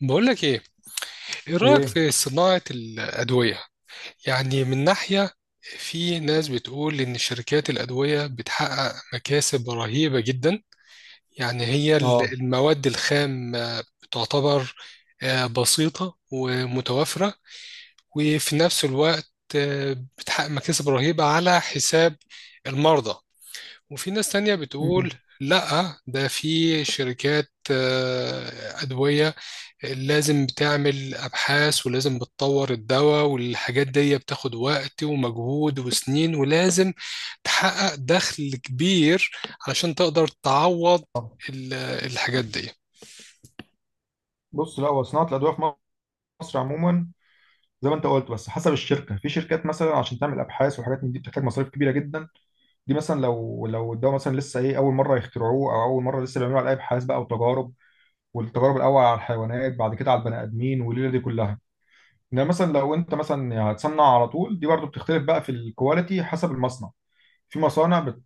بقول لك ايه. ايه رايك ايه. في صناعه الادويه؟ يعني من ناحيه، في ناس بتقول ان شركات الادويه بتحقق مكاسب رهيبه جدا. يعني هي اه. المواد الخام تعتبر بسيطه ومتوفره، وفي نفس الوقت بتحقق مكاسب رهيبه على حساب المرضى. وفي ناس تانية بتقول مم. لا، ده في شركات ادويه لازم بتعمل أبحاث، ولازم بتطور الدواء والحاجات دي بتاخد وقت ومجهود وسنين، ولازم تحقق دخل كبير علشان تقدر تعوض آه. ال- الحاجات دي. بص، لا هو صناعه الادويه في مصر عموما زي ما انت قلت، بس حسب الشركه. في شركات مثلا عشان تعمل ابحاث وحاجات من دي بتحتاج مصاريف كبيره جدا. دي مثلا لو ده مثلا لسه ايه اول مره يخترعوه، او اول مره لسه بيعملوا عليه ابحاث بقى وتجارب، والتجارب الاول على الحيوانات بعد كده على البني ادمين والليله دي كلها. انما مثلا لو انت مثلا يعني هتصنع على طول، دي برضو بتختلف بقى في الكواليتي حسب المصنع. في مصانع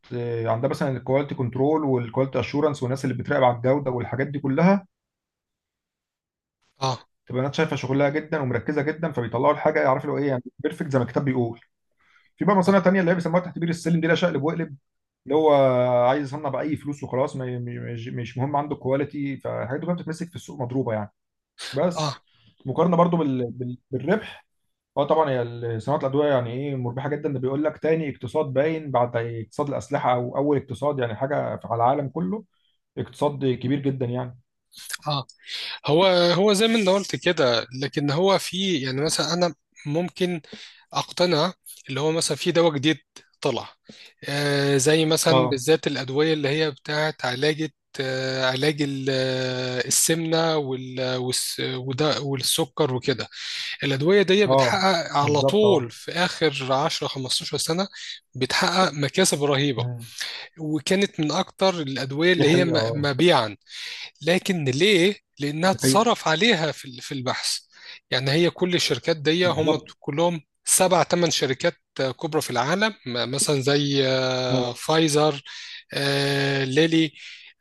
عندها مثلا الكواليتي كنترول والكواليتي اشورنس والناس اللي بتراقب على الجوده والحاجات دي كلها، اه، تبقى الناس شايفه شغلها جدا ومركزه جدا، فبيطلعوا الحاجه يعرفوا اللي هو ايه، يعني بيرفكت زي ما الكتاب بيقول. في بقى مصانع اه، تانية اللي هي بيسموها تحت بير السلم، دي لا شقلب وقلب، اللي هو عايز يصنع باي فلوس وخلاص. مش مهم عنده كواليتي، فالحاجات دي كلها بتتمسك في السوق مضروبه يعني. اه. بس مقارنه برضو بالربح، اه طبعا هي صناعه الادويه يعني ايه مربحه جدا. ده بيقول لك تاني اقتصاد باين بعد اقتصاد الاسلحه، او اول اقتصاد يعني حاجه على العالم كله، اقتصاد كبير جدا يعني. آه. هو هو زي ما انت قلت كده، لكن هو في يعني مثلا انا ممكن اقتنع، اللي هو مثلا في دواء جديد طلع، آه زي مثلا اه. بالذات الادويه اللي هي بتاعت علاجة، علاج السمنه والسكر وكده. الادويه دي اه. بتحقق على بالظبط طول اه. في اخر 10 15 سنه، بتحقق مكاسب رهيبه، مم. وكانت من اكتر الادويه دي اللي هي حقيقه اه. مبيعا. لكن ليه؟ لأنها دي حقيقة. اتصرف عليها في البحث. يعني هي كل الشركات دي هم بالظبط كلهم سبع ثمان شركات كبرى في العالم، مثلا زي اه. فايزر، ليلي،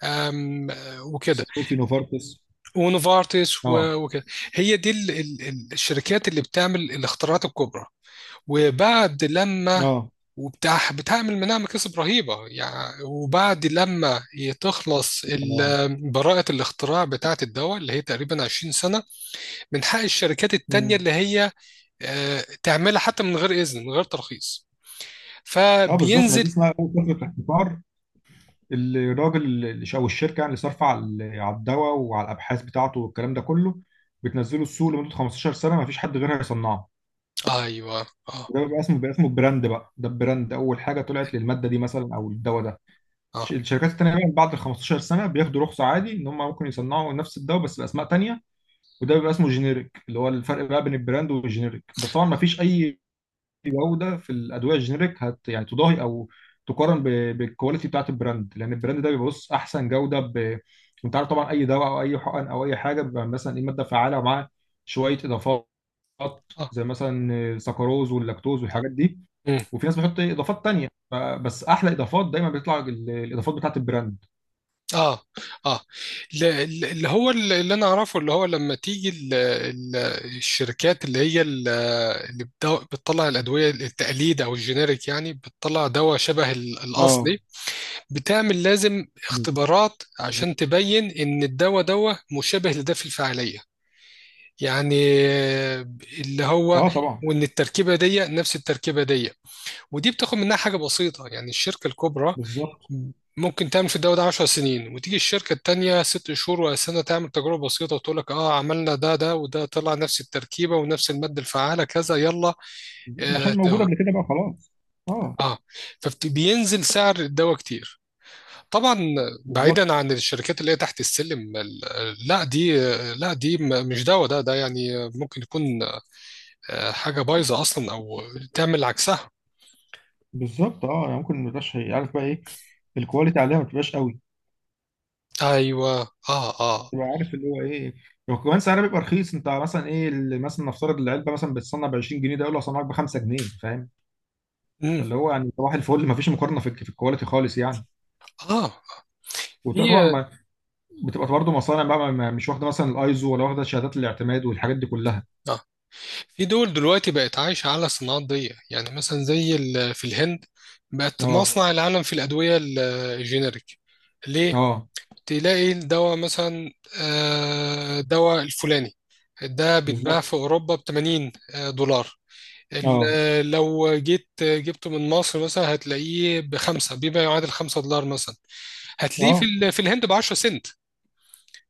آم، آه، وكده، سنوفي نوفارتس. ونوفارتس اه. وكده. هي دي الشركات اللي بتعمل الاختراعات الكبرى. وبعد لما اه. وبتاع بتعمل منها مكاسب رهيبة يعني، وبعد لما تخلص اه. براءة الاختراع بتاعة الدواء اللي هي تقريبا 20 سنة، من حق الشركات التانية مم. اللي هي تعملها حتى من غير إذن، من غير ترخيص، اه بالظبط، ما دي فبينزل. اسمها اول فتره احتكار. الراجل اللي، او الشركه يعني، اللي صارفه على على الدواء وعلى الابحاث بتاعته والكلام ده كله، بتنزله السوق لمده 15 سنه ما فيش حد غيرها يصنعه. أيوه، أه، وده بيبقى اسمه براند بقى. ده البراند اول حاجه طلعت للماده دي مثلا، او الدواء ده. أه، الشركات التانيه بقى بعد ال 15 سنه بياخدوا رخصه عادي ان هم ممكن يصنعوا نفس الدواء بس باسماء تانيه، وده بيبقى اسمه جينيريك. اللي هو الفرق بقى بين البراند والجينيريك، بس طبعا ما فيش اي جوده في الادويه الجينيريك هت يعني تضاهي او تقارن بالكواليتي بتاعت البراند، لان البراند ده بيبص احسن جوده. ب... انت عارف طبعا اي دواء او اي حقن او اي حاجه بيبقى مثلا ايه ماده فعاله ومعاه شويه اضافات، أه، زي مثلا سكروز واللاكتوز والحاجات دي. وفي ناس بتحط إيه اضافات تانية، بس احلى اضافات دايما بيطلع الاضافات بتاعت البراند. اه، اه. ل- اللي هو اللي انا اعرفه، اللي هو لما تيجي ال- الشركات اللي هي اللي بتطلع الادويه التقليد او الجينيريك، يعني بتطلع دواء شبه الاصلي، اه. بتعمل لازم اختبارات عشان تبين ان الدواء دواء مشابه لده في الفعاليه، يعني، آه، اللي هو اه طبعا. وان التركيبه دي نفس التركيبه دي. ودي بتاخد منها حاجه بسيطه يعني، الشركه الكبرى بالظبط، ممكن تعمل في الدواء ده 10 سنين، وتيجي الشركة التانية 6 شهور ولا سنة تعمل تجربة بسيطة وتقول لك اه عملنا ده ده وده طلع نفس التركيبة ونفس المادة الفعالة كذا، يلا. اه، عشان موجوده قبل كده بقى خلاص. اه. اه، فبينزل سعر الدواء كتير. طبعا، بالظبط. بعيدا عن الشركات اللي هي تحت السلم، لا دي، لا دي مش دواء، ده ده يعني ممكن يكون حاجة بايظة اصلا، او تعمل عكسها. بالظبط اه، يعني ممكن ما يبقاش عارف بقى ايه الكواليتي عليها، ما تبقاش قوي، ايوه، اه، اه، تبقى عارف اللي هو ايه. وكمان سعرها بيبقى رخيص. انت مثلا ايه اللي مثلا نفترض العلبه مثلا بتصنع ب 20 جنيه، ده يقول لك صنعك ب 5 جنيه، فاهم؟ امم، فاللي هو يعني صباح الفل، ما فيش مقارنه في الكواليتي خالص يعني. اه. في وبتبقى طبعا ما- بتبقى برضه مصانع بقى مش واخده مثلا الايزو ولا واخده شهادات الاعتماد والحاجات دي كلها. آه، في دول دلوقتي بقت عايشة على صناعات ضيقة، يعني مثلا زي في الهند بقت اه. مصنع العالم في الأدوية الجينيريك. ليه؟ اه تلاقي الدواء مثلا، دواء الفلاني ده بيتباع بالظبط في أوروبا ب 80 دولار. اه. لو جيت جبته من مصر مثلا هتلاقيه بخمسة، بما يعادل $5 مثلا، هتلاقيه اه في الهند ب 10 سنت.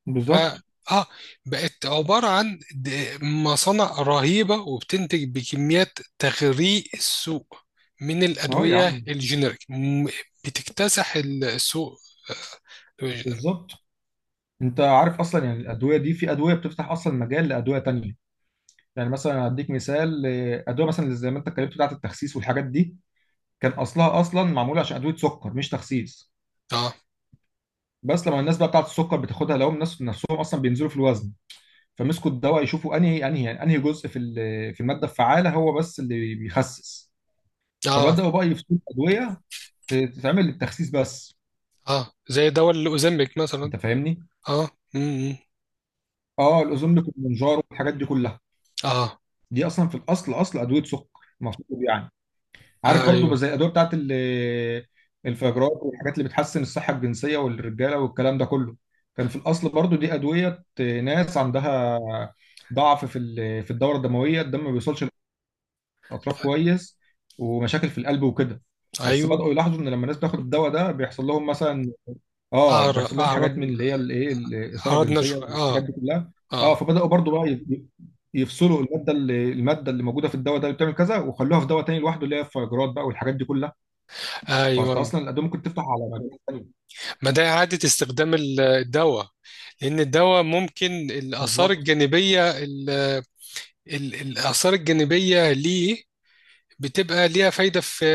بالظبط آه, اه، بقت عبارة عن مصانع رهيبة، وبتنتج بكميات تغريق السوق من اه يا الأدوية عم. الجينيريك، بتكتسح السوق الجينيريك. بالظبط. انت عارف اصلا يعني الادويه دي، في ادويه بتفتح اصلا مجال لادويه تانيه. يعني مثلا هديك مثال، ادويه مثلا زي ما انت اتكلمت بتاعه التخسيس والحاجات دي، كان اصلها اصلا معموله عشان ادويه سكر، مش تخسيس. اه، بس لما الناس بقى بتاعه السكر بتاخدها، لقوا الناس نفسهم اصلا بينزلوا في الوزن. فمسكوا الدواء يشوفوا انهي جزء في في الماده الفعاله هو بس اللي بيخسس. اه، فبداوا بقى يفتوا ادويه تتعمل للتخسيس بس. اه زي دواء الأوزمبيك مثلا. انت فاهمني. اه، امم، اه الاوزون بيكون منجار والحاجات دي كلها، اه، دي اصلا في الاصل اصل ادويه سكر المفروض يعني. عارف ايوه، برضو زي الادويه بتاعت الفيجرات والحاجات اللي بتحسن الصحه الجنسيه والرجاله والكلام ده كله. كان في الاصل برضو دي ادويه ناس عندها ضعف في في الدوره الدمويه، الدم ما بيوصلش للاطراف كويس، ومشاكل في القلب وكده. بس ايوه. بداوا يلاحظوا ان لما الناس بتاخد الدواء ده بيحصل لهم مثلا، اه بيحصل اعرض، لهم اعرض، حاجات من اللي هي الايه، الاثاره اعرض الجنسيه نشوة، والحاجات اه. دي كلها. اه اه، فبداوا برضو بقى ي- يفصلوا الماده اللي موجوده في الدواء ده اللي بتعمل كذا، وخلوها في دواء تاني لوحده، اللي هي الفيجرات بقى والحاجات دي كلها. فانت ايوه. اصلا الادويه ممكن تفتح على مكان تاني. ما ده إعادة استخدام الدواء، لأن الدواء ممكن الآثار بالظبط الجانبية، الآثار الجانبية ليه بتبقى ليها فايدة في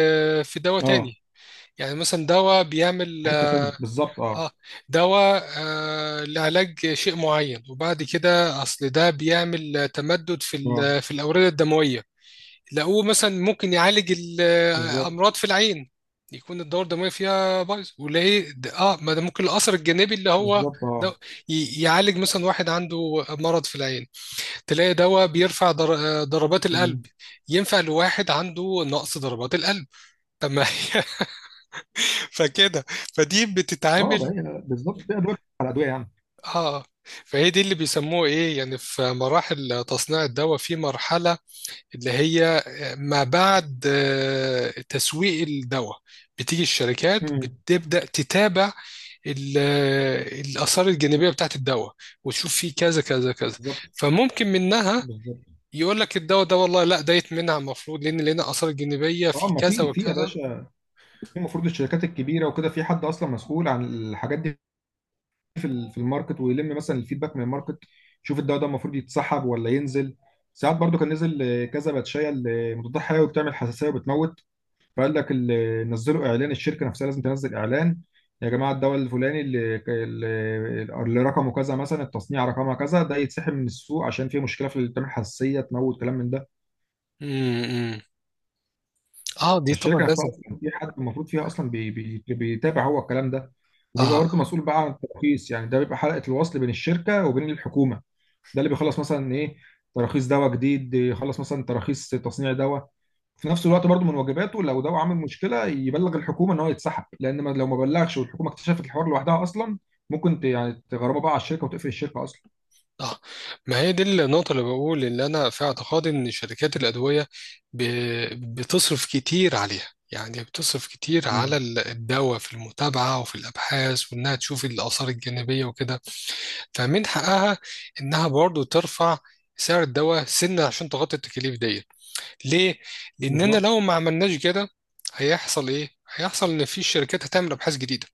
دواء اه. تاني. يعني مثلا دواء بيعمل، حته تانيه بالظبط اه. اه دواء آه لعلاج شيء معين، وبعد كده أصل ده بيعمل تمدد اه. في الأوردة الدموية، لقوه مثلا ممكن يعالج بالظبط. الأمراض في العين، يكون الدورة الدموية فيها بايظ، وليه اه، ما ده ممكن الأثر الجانبي اللي هو بالظبط اه. ده يعالج مثلا واحد عنده مرض في العين. تلاقي دواء بيرفع ضربات مم. القلب، ينفع لواحد عنده نقص ضربات القلب. طب ما هي فكده، فدي اه بقى، بتتعامل. هي بالظبط في ادويه على ادويه يعني. اه، فهي دي اللي بيسموه ايه يعني، في مراحل تصنيع الدواء في مرحلة اللي هي ما بعد تسويق الدواء. بتيجي الشركات مم. بتبدأ تتابع ال- الآثار الجانبية بتاعت الدواء، وتشوف فيه كذا كذا كذا، بالظبط. فممكن منها بالظبط يقول لك الدواء ده والله لا دايت منها، المفروض لان لنا اثار جانبيه اه. في ما كذا في في يا وكذا. باشا، في المفروض الشركات الكبيره وكده، في حد اصلا مسؤول عن الحاجات دي في في الماركت، ويلم مثلا الفيدباك من الماركت، يشوف الدواء ده المفروض يتسحب ولا ينزل. ساعات برضو كان نزل كذا باتشايه مضادات حيوي بتعمل حساسيه وبتموت، فقال لك اللي نزلوا اعلان، الشركه نفسها لازم تنزل اعلان: يا جماعه الدواء الفلاني اللي رقمه كذا مثلا التصنيع رقمها كذا، ده يتسحب من السوق عشان فيه مشكله في التلاميح، حساسيه، تموت، كلام من ده. امم، اه، دي طبعا فالشركه نفسها لازم. اصلا في حد المفروض فيها اصلا بي بيتابع هو الكلام ده. وبيبقى اه، برضه مسؤول بقى عن الترخيص، يعني ده بيبقى حلقه الوصل بين الشركه وبين الحكومه. ده اللي بيخلص مثلا ايه، تراخيص دواء جديد، يخلص مثلا تراخيص تصنيع دواء. في نفس الوقت برضو من واجباته، لو ده عامل مشكله، يبلغ الحكومه ان هو يتسحب. لان ما لو ما بلغش والحكومه اكتشفت الحوار لوحدها اصلا، ممكن يعني تغرمه بقى على الشركه وتقفل الشركه اصلا. اه، ما هي دي النقطه اللي بقول، اللي انا في اعتقادي ان شركات الادويه ب... بتصرف كتير عليها، يعني بتصرف كتير على مم. الدواء في المتابعة وفي الأبحاث، وإنها تشوف الآثار الجانبية وكده، فمن حقها إنها برضو ترفع سعر الدواء سنة عشان تغطي التكاليف ديت. ليه؟ لأننا بالظبط لو ما عملناش كده، هيحصل إيه؟ هيحصل إن في شركات هتعمل أبحاث جديدة،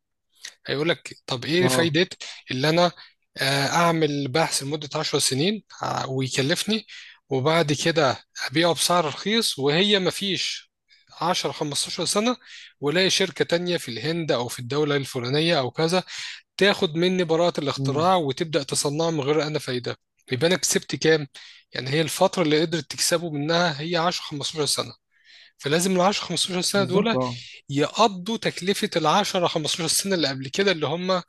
هيقول لك طب إيه اه. فايدة، اللي أنا أعمل بحث لمدة 10 سنين ويكلفني، وبعد كده أبيعه بسعر رخيص، وهي ما فيش 10 15 سنة، ولاقي شركة تانية في الهند أو في الدولة الفلانية أو كذا تاخد مني براءة مم. الاختراع وتبدأ تصنعه من غير أنا فايدة. يبقى أنا كسبت كام؟ يعني هي الفترة اللي قدرت تكسبه منها هي 10 15 سنة، فلازم ال 10 15 سنه بالظبط دول اه. يقضوا تكلفه ال 10 15 سنه اللي قبل كده اللي هم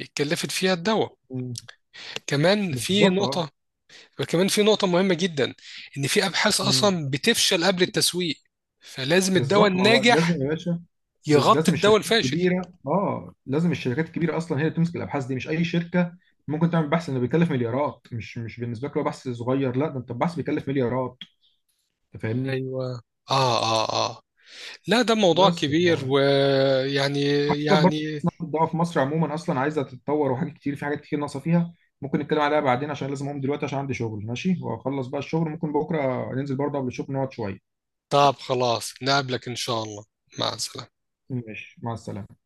اتكلفت فيها الدواء. مم. كمان في بالظبط اه. نقطه، وكمان في نقطه مهمه جدا، ان في ابحاث مم. اصلا بتفشل قبل التسويق، فلازم الدواء بالظبط، ما هو الناجح لازم يا باشا. يغطي لازم الدواء الشركات الفاشل. الكبيره اه، لازم الشركات الكبيره اصلا هي اللي تمسك الابحاث دي، مش اي شركه ممكن تعمل بحث انه بيكلف مليارات. مش بالنسبه لك هو بحث صغير، لا ده انت البحث بيكلف مليارات. انت فاهمني. ايوه، اه، اه، اه، لا ده موضوع بس كبير يعني، ويعني، وعايز أقول لك برضه يعني إن الضوء في مصر عموما اصلا عايزه تتطور، وحاجات كتير، في حاجات كتير ناقصه فيها. ممكن نتكلم عليها بعدين عشان لازم اقوم دلوقتي عشان عندي شغل. ماشي، واخلص بقى الشغل ممكن بكره ننزل برضه قبل الشغل نقعد شويه. طب خلاص، نقابلك ان شاء الله. مع السلامه. ماشي مع السلامه.